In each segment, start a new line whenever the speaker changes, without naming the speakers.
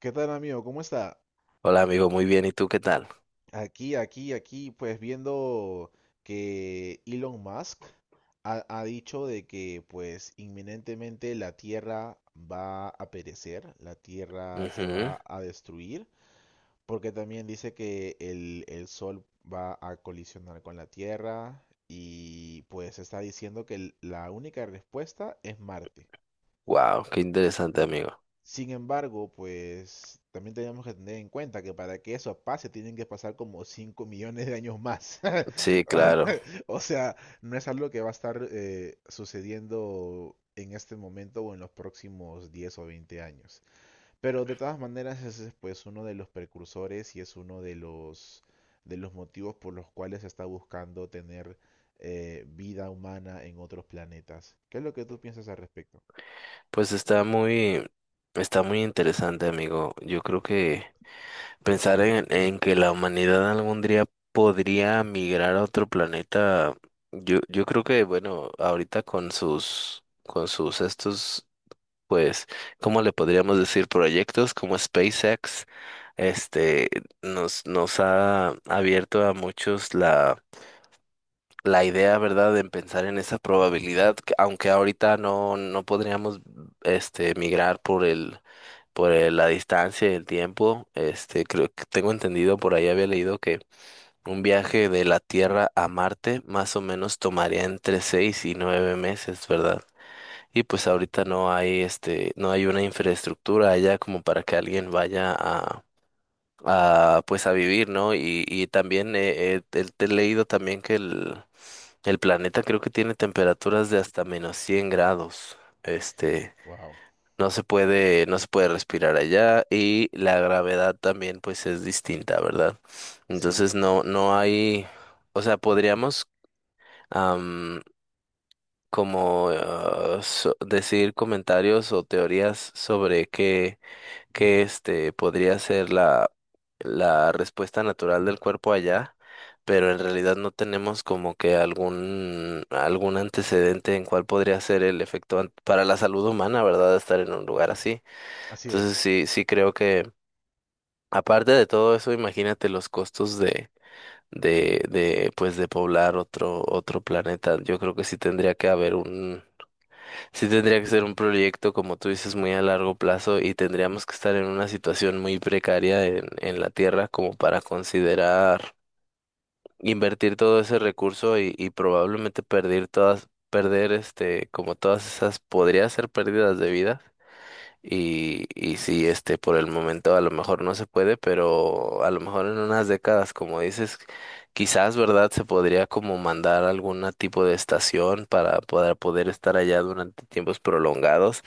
¿Qué tal, amigo? ¿Cómo está?
Hola amigo, muy bien. ¿Y tú qué tal?
Aquí, pues viendo que Elon Musk ha dicho de que pues inminentemente la Tierra va a perecer, la Tierra se va a destruir, porque también dice que el Sol va a colisionar con la Tierra y pues está diciendo que la única respuesta es Marte.
Wow, qué interesante amigo.
Sin embargo, pues también tenemos que tener en cuenta que para que eso pase tienen que pasar como 5 millones de años más.
Sí, claro.
O sea, no es algo que va a estar sucediendo en este momento o en los próximos 10 o 20 años. Pero de todas maneras ese es pues uno de los precursores y es uno de los motivos por los cuales se está buscando tener vida humana en otros planetas. ¿Qué es lo que tú piensas al respecto?
Pues está muy interesante amigo. Yo creo que pensar en que la humanidad algún día podría migrar a otro planeta, yo creo que bueno, ahorita con sus estos, pues, ¿cómo le podríamos decir? Proyectos como SpaceX, este, nos ha abierto a muchos la la idea, ¿verdad?, de pensar en esa probabilidad, que aunque ahorita no, no podríamos migrar por el, la distancia y el tiempo, creo que tengo entendido, por ahí había leído que un viaje de la Tierra a Marte más o menos tomaría entre 6 y 9 meses, ¿verdad? Y pues ahorita no hay, no hay una infraestructura allá como para que alguien vaya a pues a vivir, ¿no? Y también te he leído también que el planeta creo que tiene temperaturas de hasta menos 100 grados. Este,
Wow.
no se puede, no se puede respirar allá y la gravedad también pues es distinta, ¿verdad?
Sí,
Entonces no, no hay, o sea, podríamos am, como decir comentarios o teorías sobre que este podría ser la, la respuesta natural del cuerpo allá, pero en realidad no tenemos como que algún, algún antecedente en cuál podría ser el efecto para la salud humana, ¿verdad? Estar en un lugar así.
así
Entonces
es.
sí, sí creo que, aparte de todo eso, imagínate los costos de. De pues de poblar otro otro planeta yo creo que sí tendría que haber. Sí tendría que ser un proyecto, como tú dices, muy a largo plazo y tendríamos que estar en una situación muy precaria en la Tierra como para considerar invertir todo ese recurso y probablemente perder todas, perder como todas esas podría ser pérdidas de vida y sí, por el momento a lo mejor no se puede, pero a lo mejor en unas décadas, como dices, quizás, ¿verdad? Se podría como mandar algún tipo de estación para poder, poder estar allá durante tiempos prolongados.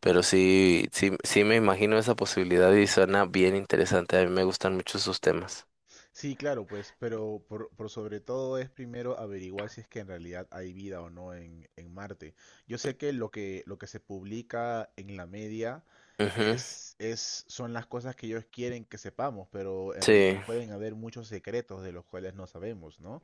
Pero sí, sí, sí me imagino esa posibilidad y suena bien interesante. A mí me gustan mucho esos temas.
Sí, claro, pues, pero por sobre todo es primero averiguar si es que en realidad hay vida o no en, en Marte. Yo sé que lo que, lo que se publica en la media
Ujú.
son las cosas que ellos quieren que sepamos, pero en
Sí,
realidad pueden haber muchos secretos de los cuales no sabemos, ¿no?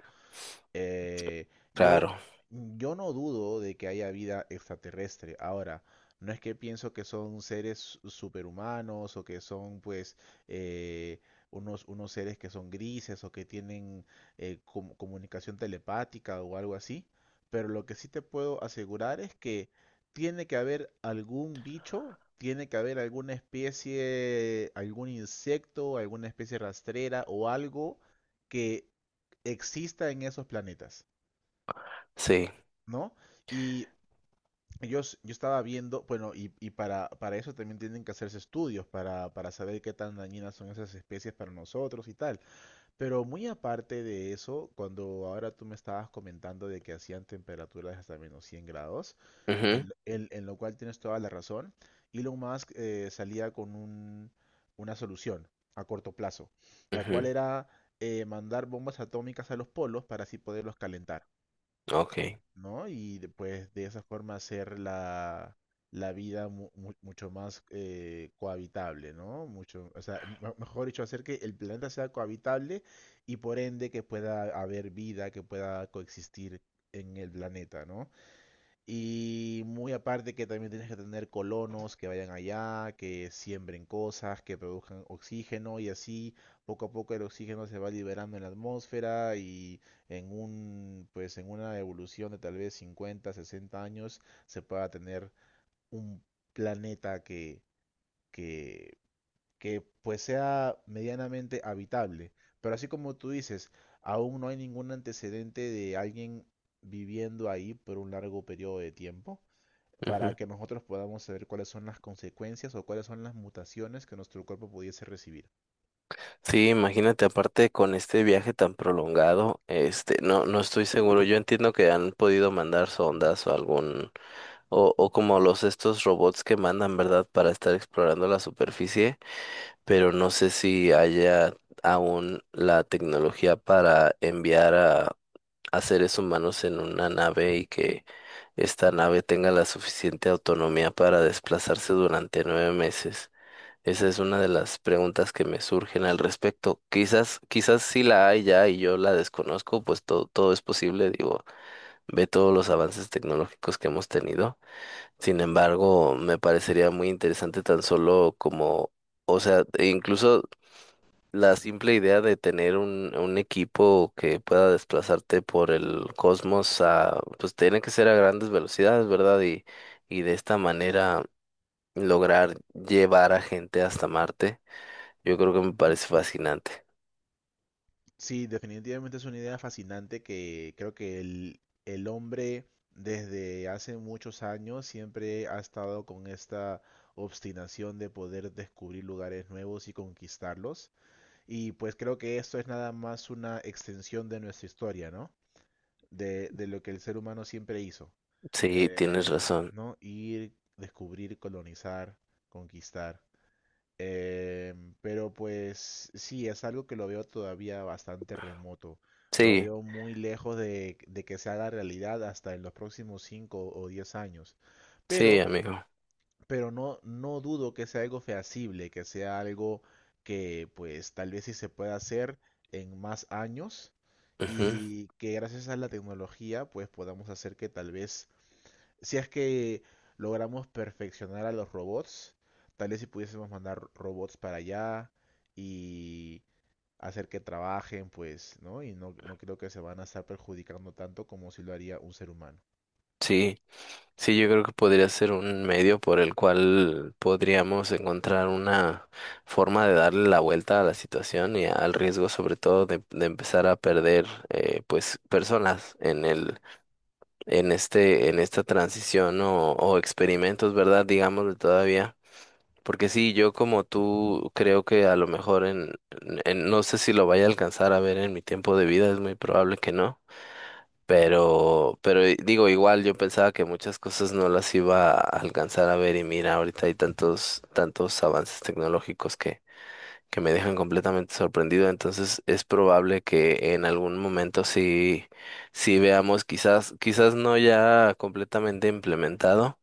Eh, yo,
claro,
yo no dudo de que haya vida extraterrestre. Ahora, no es que pienso que son seres superhumanos o que son pues eh, unos seres que son grises o que tienen comunicación telepática o algo así. Pero lo que sí te puedo asegurar es que tiene que haber algún bicho, tiene que haber alguna especie, algún insecto, alguna especie rastrera o algo que exista en esos planetas,
sí.
¿no? Y yo estaba viendo, bueno, y para eso también tienen que hacerse estudios, para saber qué tan dañinas son esas especies para nosotros y tal. Pero muy aparte de eso, cuando ahora tú me estabas comentando de que hacían temperaturas hasta -100 grados, en,
Mhm.
lo en- en lo cual tienes toda la razón, Elon Musk salía con una solución a corto plazo, la cual
Mhm.
era mandar bombas atómicas a los polos para así poderlos calentar,
Ok.
¿no? Y pues de esa forma hacer la vida mucho más cohabitable, ¿no? Mucho, o sea, mejor dicho, hacer que el planeta sea cohabitable y por ende que pueda haber vida, que pueda coexistir en el planeta, ¿no? Y muy aparte que también tienes que tener colonos que vayan allá, que siembren cosas, que produzcan oxígeno y así poco a poco el oxígeno se va liberando en la atmósfera y en un pues en una evolución de tal vez 50 60 años se pueda tener un planeta que que pues sea medianamente habitable. Pero así como tú dices, aún no hay ningún antecedente de alguien viviendo ahí por un largo periodo de tiempo
Ujú.
para que nosotros podamos saber cuáles son las consecuencias o cuáles son las mutaciones que nuestro cuerpo pudiese recibir.
Sí, imagínate, aparte con este viaje tan prolongado, no, no estoy seguro. Yo entiendo que han podido mandar sondas o algún, o como los estos robots que mandan, ¿verdad? Para estar explorando la superficie, pero no sé si haya aún la tecnología para enviar a seres humanos en una nave y que esta nave tenga la suficiente autonomía para desplazarse durante 9 meses. Esa es una de las preguntas que me surgen al respecto. Quizás, quizás sí la hay ya y yo la desconozco, pues todo, todo es posible, digo, ve todos los avances tecnológicos que hemos tenido. Sin embargo, me parecería muy interesante tan solo como, o sea, e incluso la simple idea de tener un equipo que pueda desplazarte por el cosmos a, pues tiene que ser a grandes velocidades, ¿verdad? Y de esta manera lograr llevar a gente hasta Marte yo creo que me parece fascinante.
Sí, definitivamente es una idea fascinante que creo que el hombre desde hace muchos años siempre ha estado con esta obstinación de poder descubrir lugares nuevos y conquistarlos. Y pues creo que esto es nada más una extensión de nuestra historia, ¿no? De lo que el ser humano siempre hizo,
Sí, tienes
eh,
razón.
¿no? Ir, descubrir, colonizar, conquistar. Eh, pero pues sí, es algo que lo veo todavía bastante remoto. Lo
Sí,
veo muy lejos de que se haga realidad hasta en los próximos 5 o 10 años.
sí,
Pero
amigo.
no dudo que sea algo feasible, que sea algo que pues tal vez sí se pueda hacer en más años
Ujú.
y que gracias a la tecnología pues podamos hacer que tal vez, si es que logramos perfeccionar a los robots, tal vez si pudiésemos mandar robots para allá y hacer que trabajen pues, ¿no? Y no creo que se van a estar perjudicando tanto como si lo haría un ser humano.
Sí, sí, yo creo que podría ser un medio por el cual podríamos encontrar una forma de darle la vuelta a la situación y al riesgo, sobre todo, de empezar a perder, pues, personas en el, en este, en esta transición o experimentos, ¿verdad? Digámoslo todavía. Porque sí, yo como tú creo que a lo mejor en- no sé si lo vaya a alcanzar a ver en mi tiempo de vida, es muy probable que no, pero digo, igual yo pensaba que muchas cosas no las iba a alcanzar a ver y mira, ahorita hay tantos tantos avances tecnológicos que me dejan completamente sorprendido, entonces es probable que en algún momento sí sí veamos quizás quizás no ya completamente implementado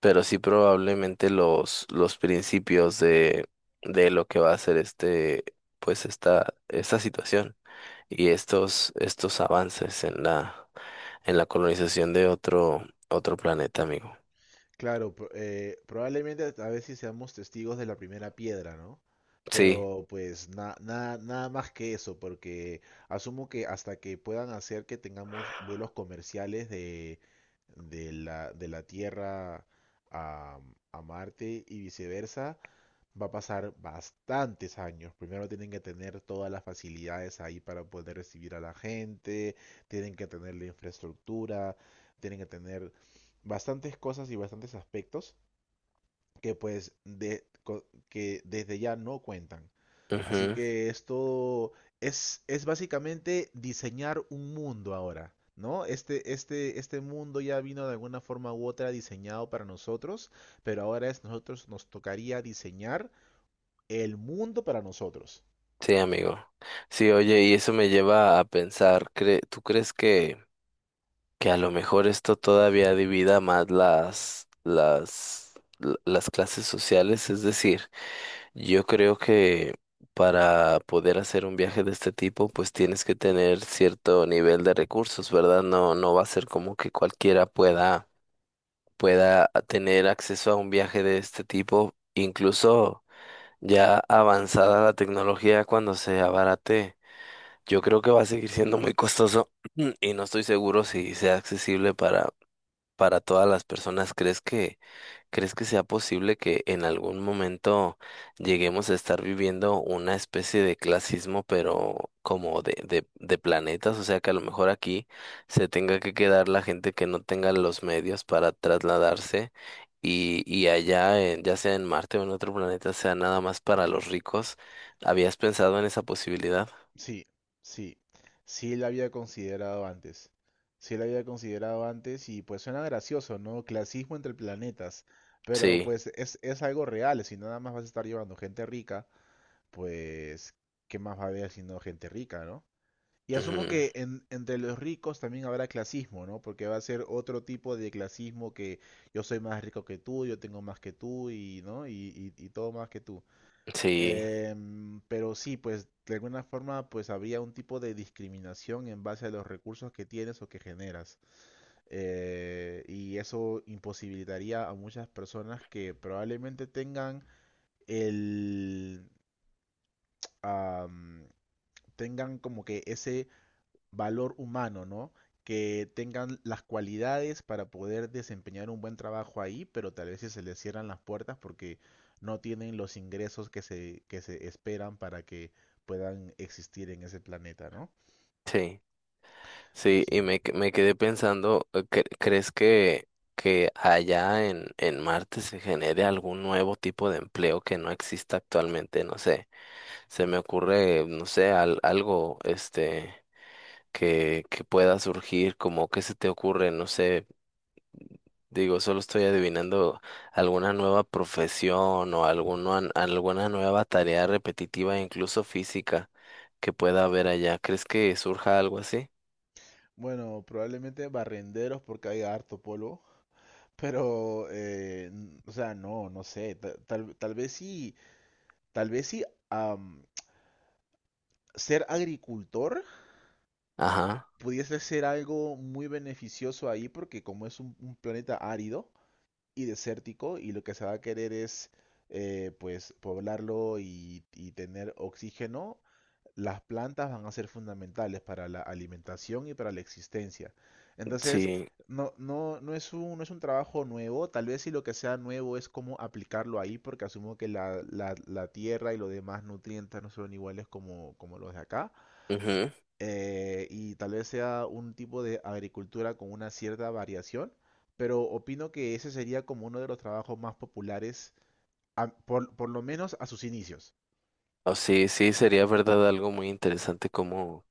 pero sí probablemente los principios de lo que va a ser pues esta situación y estos, estos avances en la colonización de otro, otro planeta, amigo.
Claro, probablemente a veces seamos testigos de la primera piedra, ¿no?
Sí.
Pero pues nada más que eso, porque asumo que hasta que puedan hacer que tengamos vuelos comerciales de la Tierra a, a Marte y viceversa, va a pasar bastantes años. Primero tienen que tener todas las facilidades ahí para poder recibir a la gente, tienen que tener la infraestructura, tienen que tener bastantes cosas y bastantes aspectos que pues que desde ya no cuentan. Así
Ujú.
que esto es básicamente diseñar un mundo ahora, ¿no? Este mundo ya vino de alguna forma u otra diseñado para nosotros, pero ahora es nosotros nos tocaría diseñar el mundo para nosotros.
Sí, amigo. Sí, oye, y eso me lleva a pensar, ¿tú crees que a lo mejor esto todavía divida más las, las clases sociales? Es decir, yo creo que para poder hacer un viaje de este tipo, pues tienes que tener cierto nivel de recursos, ¿verdad? No, no va a ser como que cualquiera pueda, pueda tener acceso a un viaje de este tipo, incluso ya avanzada la tecnología cuando se abarate. Yo creo que va a seguir siendo muy costoso y no estoy seguro si sea accesible para todas las personas. ¿Crees que? ¿Crees que sea posible que en algún momento lleguemos a estar viviendo una especie de clasismo, pero como de planetas? O sea, que a lo mejor aquí se tenga que quedar la gente que no tenga los medios para trasladarse y allá, ya sea en Marte o en otro planeta, sea nada más para los ricos. ¿Habías pensado en esa posibilidad?
Sí, sí. Sí la había considerado antes. Sí la había considerado antes y pues suena gracioso, ¿no? Clasismo entre planetas. Pero
Sí.
pues es algo real. Si nada más vas a estar llevando gente rica, pues ¿qué más va a haber sino gente rica, ¿no? Y asumo
Ujú.
que entre los ricos también habrá clasismo, ¿no? Porque va a ser otro tipo de clasismo que yo soy más rico que tú, yo tengo más que tú y, ¿no? Y, y todo más que tú.
Sí,
Pero sí, pues de alguna forma pues había un tipo de discriminación en base a los recursos que tienes o que generas. Y eso imposibilitaría a muchas personas que probablemente tengan el am, como que ese valor humano, ¿no? Que tengan las cualidades para poder desempeñar un buen trabajo ahí, pero tal vez si se les cierran las puertas porque no tienen los ingresos que se esperan para que puedan existir en ese planeta, ¿no?
sí. Sí,
Sí.
y me,
Amén.
me quedé pensando, ¿crees que allá en Marte se genere algún nuevo tipo de empleo que no exista actualmente? No sé, se me ocurre, no sé, algo que pueda surgir, como qué se te ocurre, no sé, digo, solo estoy adivinando alguna nueva profesión o alguna, alguna nueva tarea repetitiva, incluso física, que pueda haber allá. ¿Crees que surja algo así?
Bueno, probablemente barrenderos porque hay harto polvo, pero, o sea, no sé, tal vez sí, tal vez sí, am, ser agricultor
Ajá,
pudiese ser algo muy beneficioso ahí porque como es un planeta árido y desértico y lo que se va a querer es pues poblarlo y tener oxígeno, las plantas van a ser fundamentales para la alimentación y para la existencia. Entonces,
sí.
no es un trabajo nuevo, tal vez si lo que sea nuevo es cómo aplicarlo ahí, porque asumo que la tierra y los demás nutrientes no son iguales como los de acá,
Ujú.
y tal vez sea un tipo de agricultura con una cierta variación, pero opino que ese sería como uno de los trabajos más populares, por lo menos a sus inicios.
Oh, sí, sí, sería verdad algo muy interesante como,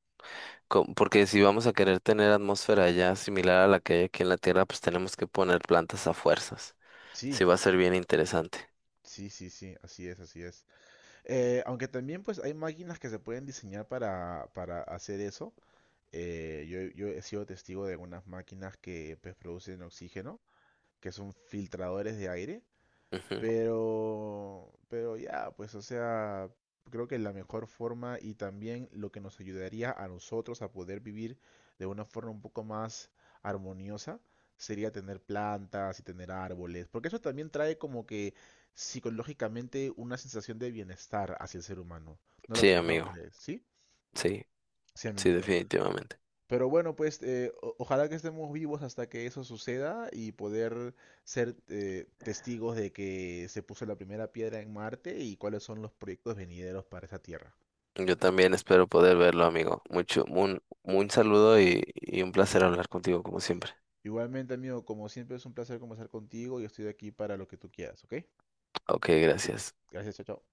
como- porque si vamos a querer tener atmósfera ya similar a la que hay aquí en la Tierra, pues tenemos que poner plantas a fuerzas. Sí,
Sí,
va a ser bien interesante.
sí, sí, sí, así es, así es. Aunque también pues hay máquinas que se pueden diseñar para hacer eso. Yo he sido testigo de algunas máquinas que pues, producen oxígeno, que son filtradores de aire.
Ujú.
Pero ya, pues o sea, creo que la mejor forma y también lo que nos ayudaría a nosotros a poder vivir de una forma un poco más armoniosa sería tener plantas y tener árboles, porque eso también trae como que psicológicamente una sensación de bienestar hacia el ser humano. ¿No lo
Sí,
no lo
amigo.
crees? ¿Sí?
Sí,
Sí,
sí,
amiguito.
definitivamente.
Pero bueno, pues ojalá que estemos vivos hasta que eso suceda y poder ser testigos de que se puso la primera piedra en Marte y cuáles son los proyectos venideros para esa Tierra.
Yo también espero poder verlo, amigo. Mucho, un saludo y un placer hablar contigo como siempre.
Igualmente, amigo, como siempre es un placer conversar contigo y estoy aquí para lo que tú quieras, ¿ok?
Ok, gracias.
Gracias, chao, chao.